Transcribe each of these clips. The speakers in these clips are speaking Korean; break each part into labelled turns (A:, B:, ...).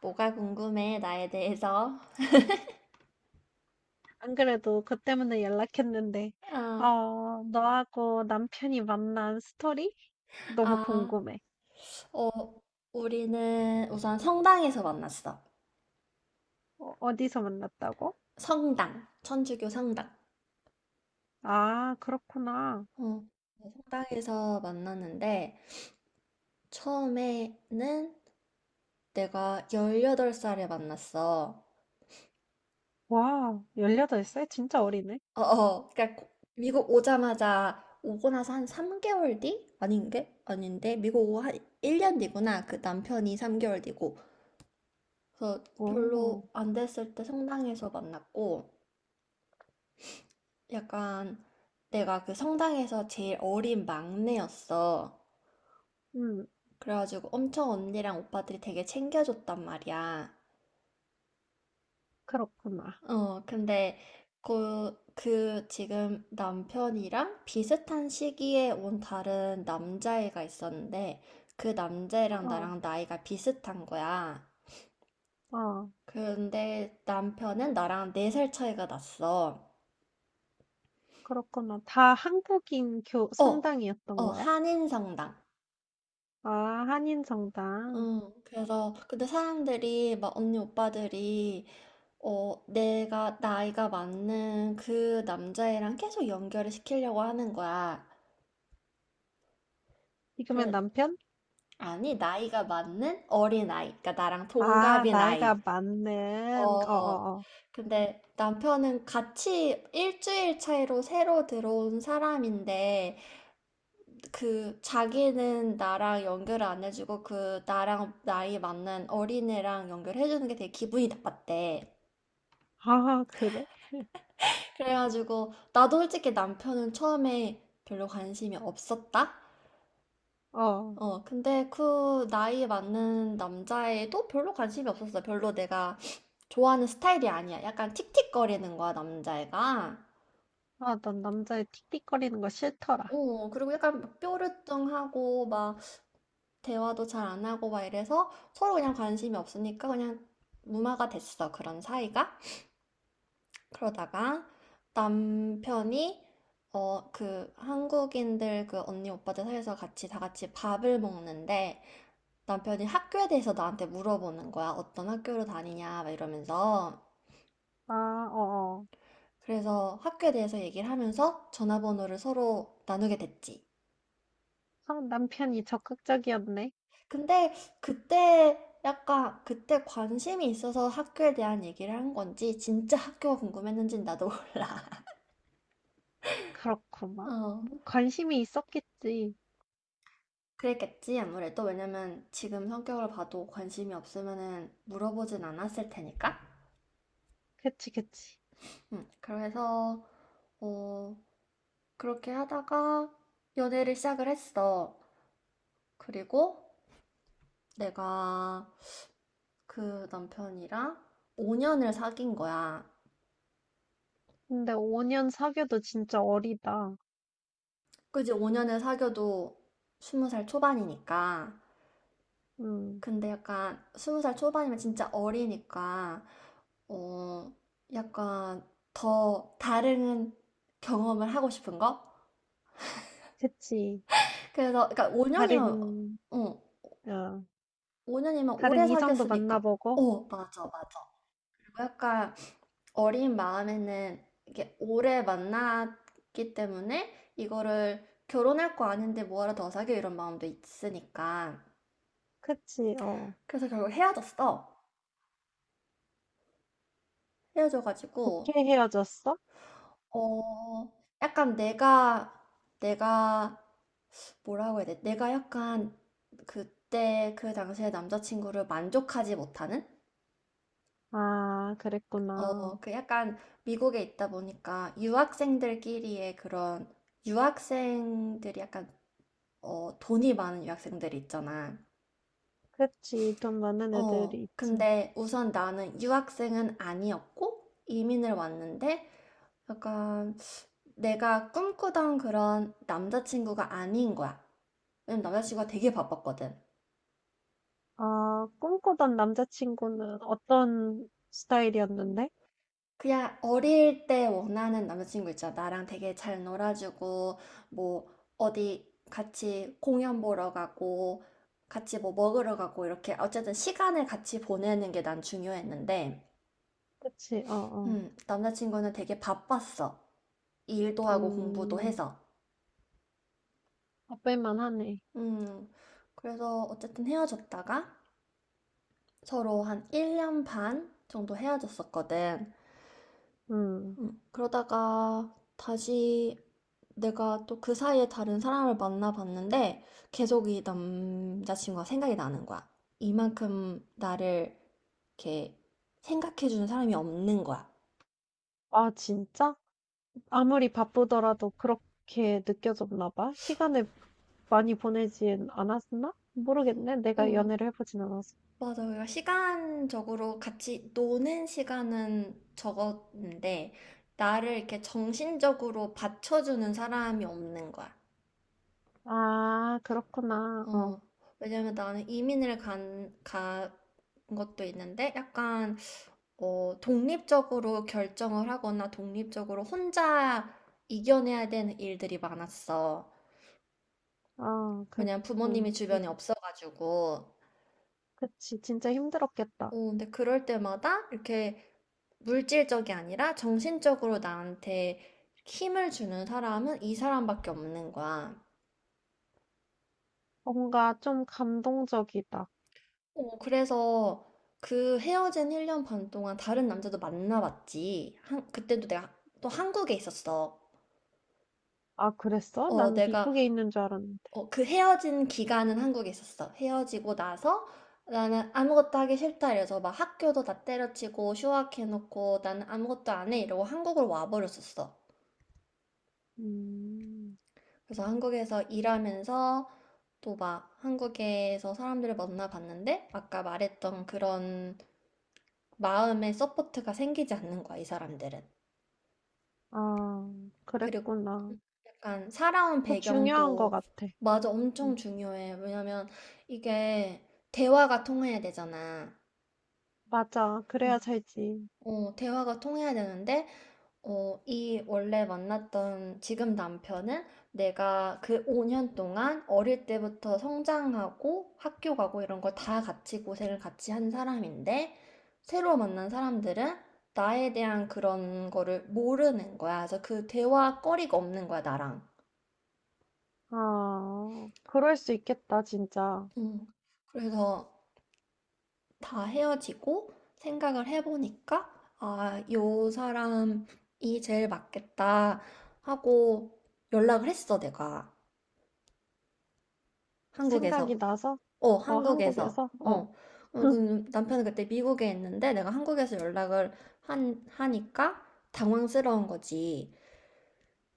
A: 뭐가 궁금해, 나에 대해서?
B: 안 그래도 그 때문에 연락했는데,
A: 아,
B: 너하고 남편이 만난 스토리? 너무
A: 아,
B: 궁금해.
A: 어, 우리는 우선 성당에서 만났어.
B: 어디서 만났다고?
A: 성당, 천주교 성당.
B: 아, 그렇구나.
A: 어, 네, 성당에서 만났는데, 처음에는 내가 18살에 만났어.
B: 와, 18살? 진짜 어리네.
A: 그러니까 미국 오자마자, 오고 나서 한 3개월 뒤? 아닌 게? 아닌데? 미국 오고 한 1년 뒤구나. 그 남편이 3개월 뒤고. 그래서
B: 오.
A: 별로 안 됐을 때 성당에서 만났고, 약간 내가 그 성당에서 제일 어린 막내였어.
B: 음.
A: 그래가지고 엄청 언니랑 오빠들이 되게 챙겨줬단 말이야.
B: 그렇구나.
A: 근데 그 지금 남편이랑 비슷한 시기에 온 다른 남자애가 있었는데 그 남자애랑
B: 어,
A: 나랑 나이가 비슷한 거야.
B: 어,
A: 근데 남편은 나랑 4살 차이가 났어.
B: 그렇구나. 다 한국인 교,
A: 어,
B: 성당이었던 거야?
A: 한인성당.
B: 아, 한인 성당.
A: 응, 그래서, 근데 사람들이, 막, 언니, 오빠들이, 나이가 맞는 그 남자애랑 계속 연결을 시키려고 하는 거야.
B: 지금의
A: 그래,
B: 남편?
A: 아니, 나이가 맞는 어린아이. 그러니까 나랑
B: 아,
A: 동갑인 아이.
B: 나이가 많은,
A: 어,
B: 어어어.
A: 근데 남편은 같이 일주일 차이로 새로 들어온 사람인데, 자기는 나랑 연결을 안 해주고, 나랑 나이 맞는 어린애랑 연결해주는 게 되게 기분이 나빴대.
B: 아, 그래?
A: 그래가지고 나도 솔직히 남편은 처음에 별로 관심이 없었다.
B: 어.
A: 근데 그 나이에 맞는 남자애도 별로 관심이 없었어. 별로 내가 좋아하는 스타일이 아니야. 약간 틱틱거리는 거야, 남자애가.
B: 아, 난 남자의 틱틱거리는 거 싫더라.
A: 어, 그리고 약간 막 뾰루뚱하고 막 대화도 잘 안 하고 막 이래서 서로 그냥 관심이 없으니까 그냥 무마가 됐어. 그런 사이가. 그러다가 남편이 그 한국인들 그 언니 오빠들 사이에서 같이 다 같이 밥을 먹는데 남편이 학교에 대해서 나한테 물어보는 거야. 어떤 학교로 다니냐 막 이러면서.
B: 아, 어어.
A: 그래서 학교에 대해서 얘기를 하면서 전화번호를 서로 나누게 됐지.
B: 아, 남편이 적극적이었네.
A: 근데 그때 약간 그때 관심이 있어서 학교에 대한 얘기를 한 건지 진짜 학교가 궁금했는지 나도 몰라.
B: 그렇구만.
A: 어.
B: 뭐 관심이 있었겠지.
A: 그랬겠지, 아무래도. 왜냐면 지금 성격을 봐도 관심이 없으면은 물어보진 않았을 테니까.
B: 그치, 그치.
A: 그래서, 어, 그렇게 하다가 연애를 시작을 했어. 그리고 내가 그 남편이랑 5년을 사귄 거야.
B: 근데 5년 사귀어도 진짜 어리다.
A: 그지, 5년을 사귀어도 20살 초반이니까.
B: 음.
A: 근데 약간 스무 살 초반이면 진짜 어리니까 어 약간 더 다른 경험을 하고 싶은 거?
B: 그치.
A: 그래서 그러니까 5년이면
B: 다른,
A: 어
B: 어,
A: 5년이면
B: 다른
A: 오래
B: 이성도
A: 사귀었으니까
B: 만나보고.
A: 맞아 맞아. 그리고 약간 어린 마음에는 이게 오래 만났기 때문에 이거를 결혼할 거 아닌데 뭐하러 더 사귀어 이런 마음도 있으니까
B: 그치, 어.
A: 그래서 결국 헤어졌어.
B: 좋게
A: 헤어져가지고
B: 헤어졌어?
A: 어, 약간 내가, 뭐라고 해야 돼? 내가 약간 그 당시에 남자친구를 만족하지 못하는?
B: 아, 그랬구나.
A: 그 약간 미국에 있다 보니까 유학생들끼리의 그런, 유학생들이 약간, 돈이 많은 유학생들이 있잖아.
B: 그치, 돈 많은 애들이 있지.
A: 근데 우선 나는 유학생은 아니었고, 이민을 왔는데, 약간 내가 꿈꾸던 그런 남자친구가 아닌 거야. 왜냐면 남자친구가 되게 바빴거든.
B: 아, 꿈꾸던 남자친구는 어떤 스타일이었는데?
A: 그냥 어릴 때 원하는 남자친구 있잖아. 나랑 되게 잘 놀아주고, 뭐, 어디 같이 공연 보러 가고, 같이 뭐 먹으러 가고, 이렇게. 어쨌든 시간을 같이 보내는 게 난 중요했는데,
B: 그치, 어, 어.
A: 남자친구는 되게 바빴어. 일도 하고 공부도
B: 음,
A: 해서.
B: 바쁠만 하네.
A: 음, 그래서 어쨌든 헤어졌다가 서로 한 1년 반 정도 헤어졌었거든.
B: 음.
A: 그러다가 다시 내가 또 그 사이에 다른 사람을 만나봤는데 계속 이 남자친구가 생각이 나는 거야. 이만큼 나를 이렇게 생각해주는 사람이 없는 거야.
B: 아, 진짜? 아무리 바쁘더라도 그렇게 느껴졌나 봐? 시간을 많이 보내진 않았나? 모르겠네. 내가
A: 음,
B: 연애를 해보진 않았어.
A: 맞아요. 시간적으로 같이 노는 시간은 적었는데, 나를 이렇게 정신적으로 받쳐주는 사람이 없는 거야.
B: 아, 그렇구나.
A: 어, 왜냐면 나는 간 것도 있는데, 약간, 독립적으로 결정을 하거나 독립적으로 혼자 이겨내야 되는 일들이 많았어.
B: 어, 그,
A: 왜냐면 부모님이
B: 음, 음,
A: 주변에 없어가지고.
B: 그치. 진짜 힘들었겠다.
A: 근데 그럴 때마다 이렇게 물질적이 아니라 정신적으로 나한테 힘을 주는 사람은 이 사람밖에 없는 거야.
B: 뭔가 좀 감동적이다.
A: 그래서 그 헤어진 1년 반 동안 다른 남자도 만나봤지. 한, 그때도 내가 또 한국에 있었어.
B: 아, 그랬어?
A: 어,
B: 난
A: 내가
B: 미국에 있는 줄 알았는데.
A: 그 헤어진 기간은 한국에 있었어. 헤어지고 나서 나는 아무것도 하기 싫다 이래서 막 학교도 다 때려치고 휴학해놓고 나는 아무것도 안 해 이러고 한국으로 와버렸었어.
B: 음.
A: 그래서 한국에서 일하면서 또 막 한국에서 사람들을 만나봤는데 아까 말했던 그런 마음의 서포트가 생기지 않는 거야, 이 사람들은.
B: 아,
A: 그리고
B: 그랬구나.
A: 약간 살아온
B: 그 중요한 것
A: 배경도.
B: 같아.
A: 맞아, 엄청
B: 음.
A: 중요해. 왜냐면 이게 대화가 통해야 되잖아.
B: 맞아.
A: 응.
B: 그래야 살지.
A: 대화가 통해야 되는데 이 원래 만났던 지금 남편은 내가 그 5년 동안 어릴 때부터 성장하고 학교 가고 이런 걸 다 같이 고생을 같이 한 사람인데 새로 만난 사람들은 나에 대한 그런 거를 모르는 거야. 그래서 그 대화거리가 없는 거야, 나랑.
B: 아, 그럴 수 있겠다, 진짜.
A: 음, 그래서 다 헤어지고 생각을 해보니까 아, 요 사람이 제일 맞겠다 하고 연락을 했어, 내가.
B: 생각이
A: 한국에서.
B: 나서,
A: 어,
B: 어,
A: 한국에서.
B: 한국에서, 어,
A: 어. 그 남편은 그때 미국에 있는데 내가 한국에서 하니까 당황스러운 거지.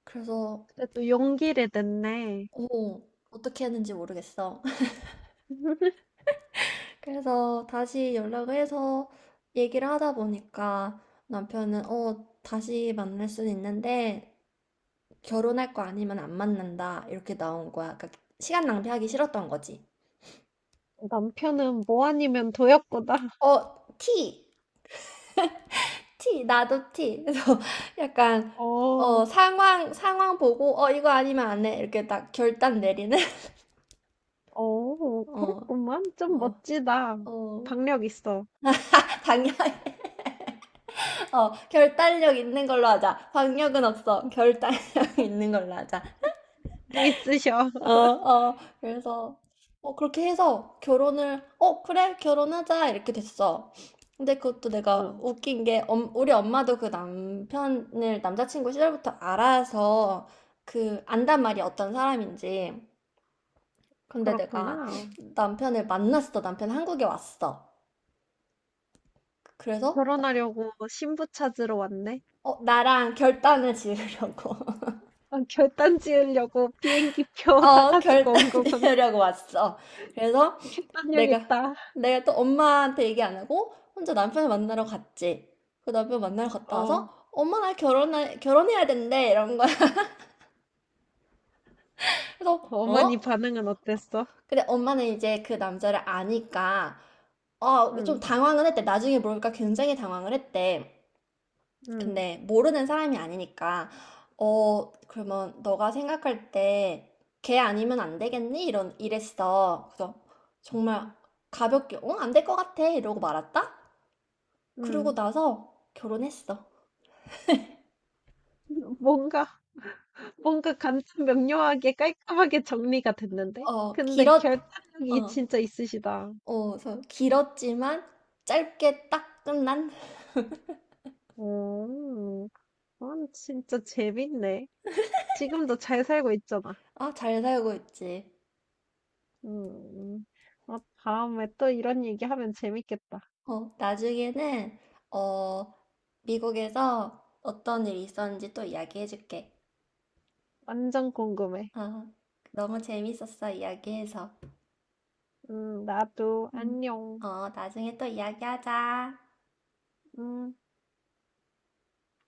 A: 그래서,
B: 그래도 용기를 냈네.
A: 어, 어떻게 했는지 모르겠어. 그래서 다시 연락을 해서 얘기를 하다 보니까 다시 만날 수는 있는데 결혼할 거 아니면 안 만난다. 이렇게 나온 거야. 그러니까 시간 낭비하기 싫었던 거지.
B: 남편은 뭐 아니면 도였구나.
A: 어, T 나도 티. 그래서 약간,
B: 어,
A: 상황 보고, 어, 이거 아니면 안 해. 이렇게 딱 결단 내리는? 어,
B: 그렇구만. 좀
A: 어,
B: 멋지다.
A: 어.
B: 박력 있어.
A: 방향, 어, 결단력 있는 걸로 하자. 방력은 없어. 결단력 있는 걸로 하자.
B: 용기 있으셔.
A: 그래서, 그렇게 해서 그래, 결혼하자, 이렇게 됐어. 근데 그것도 내가
B: 어,
A: 웃긴 게, 우리 엄마도 그 남편을 남자친구 시절부터 알아서 안단 말이 어떤 사람인지. 근데 내가
B: 그렇구나.
A: 남편을 만났어. 남편 한국에 왔어. 그래서,
B: 결혼하려고 신부 찾으러 왔네.
A: 나랑 결단을 지으려고.
B: 아, 결단 지으려고 비행기표
A: 어,
B: 사가지고
A: 결단을
B: 온 거구나.
A: 지으려고 왔어. 그래서,
B: 결단력
A: 내가
B: 있다.
A: 내가 또 엄마한테 얘기 안 하고 혼자 남편을 만나러 갔지. 그 남편 만나러 갔다
B: 어.
A: 와서 엄마 나 결혼할 결혼해야 된대 이런 거야. 그래서
B: 어머니
A: 어?
B: 반응은 어땠어?
A: 근데 엄마는 이제 그 남자를 아니까 좀
B: 응,
A: 당황은 했대. 나중에 물어보니까 굉장히 당황을 했대.
B: 응,
A: 근데 모르는 사람이 아니니까 그러면 너가 생각할 때 걔 아니면 안 되겠니? 이런 이랬어. 그래서 정말
B: 응,
A: 가볍게 안 될 것 같아 이러고 말았다. 그러고
B: 응.
A: 나서 결혼했어.
B: 뭔가, 뭔가 간단 명료하게 깔끔하게 정리가 됐는데?
A: 어,
B: 근데
A: 길었,
B: 결단력이
A: 어,
B: 진짜 있으시다.
A: 어, 저 길었지만 짧게 딱 끝난?
B: 오. 그건 진짜 재밌네. 지금도 잘 살고 있잖아.
A: 아, 잘 살고 있지.
B: 음, 어, 다음에 또 이런 얘기 하면 재밌겠다.
A: 나중에는, 어, 미국에서 어떤 일이 있었는지 또 이야기해줄게.
B: 완전 궁금해.
A: 어, 너무 재밌었어, 이야기해서.
B: 나도
A: 음,
B: 안녕.
A: 나중에 또 이야기하자.
B: 음.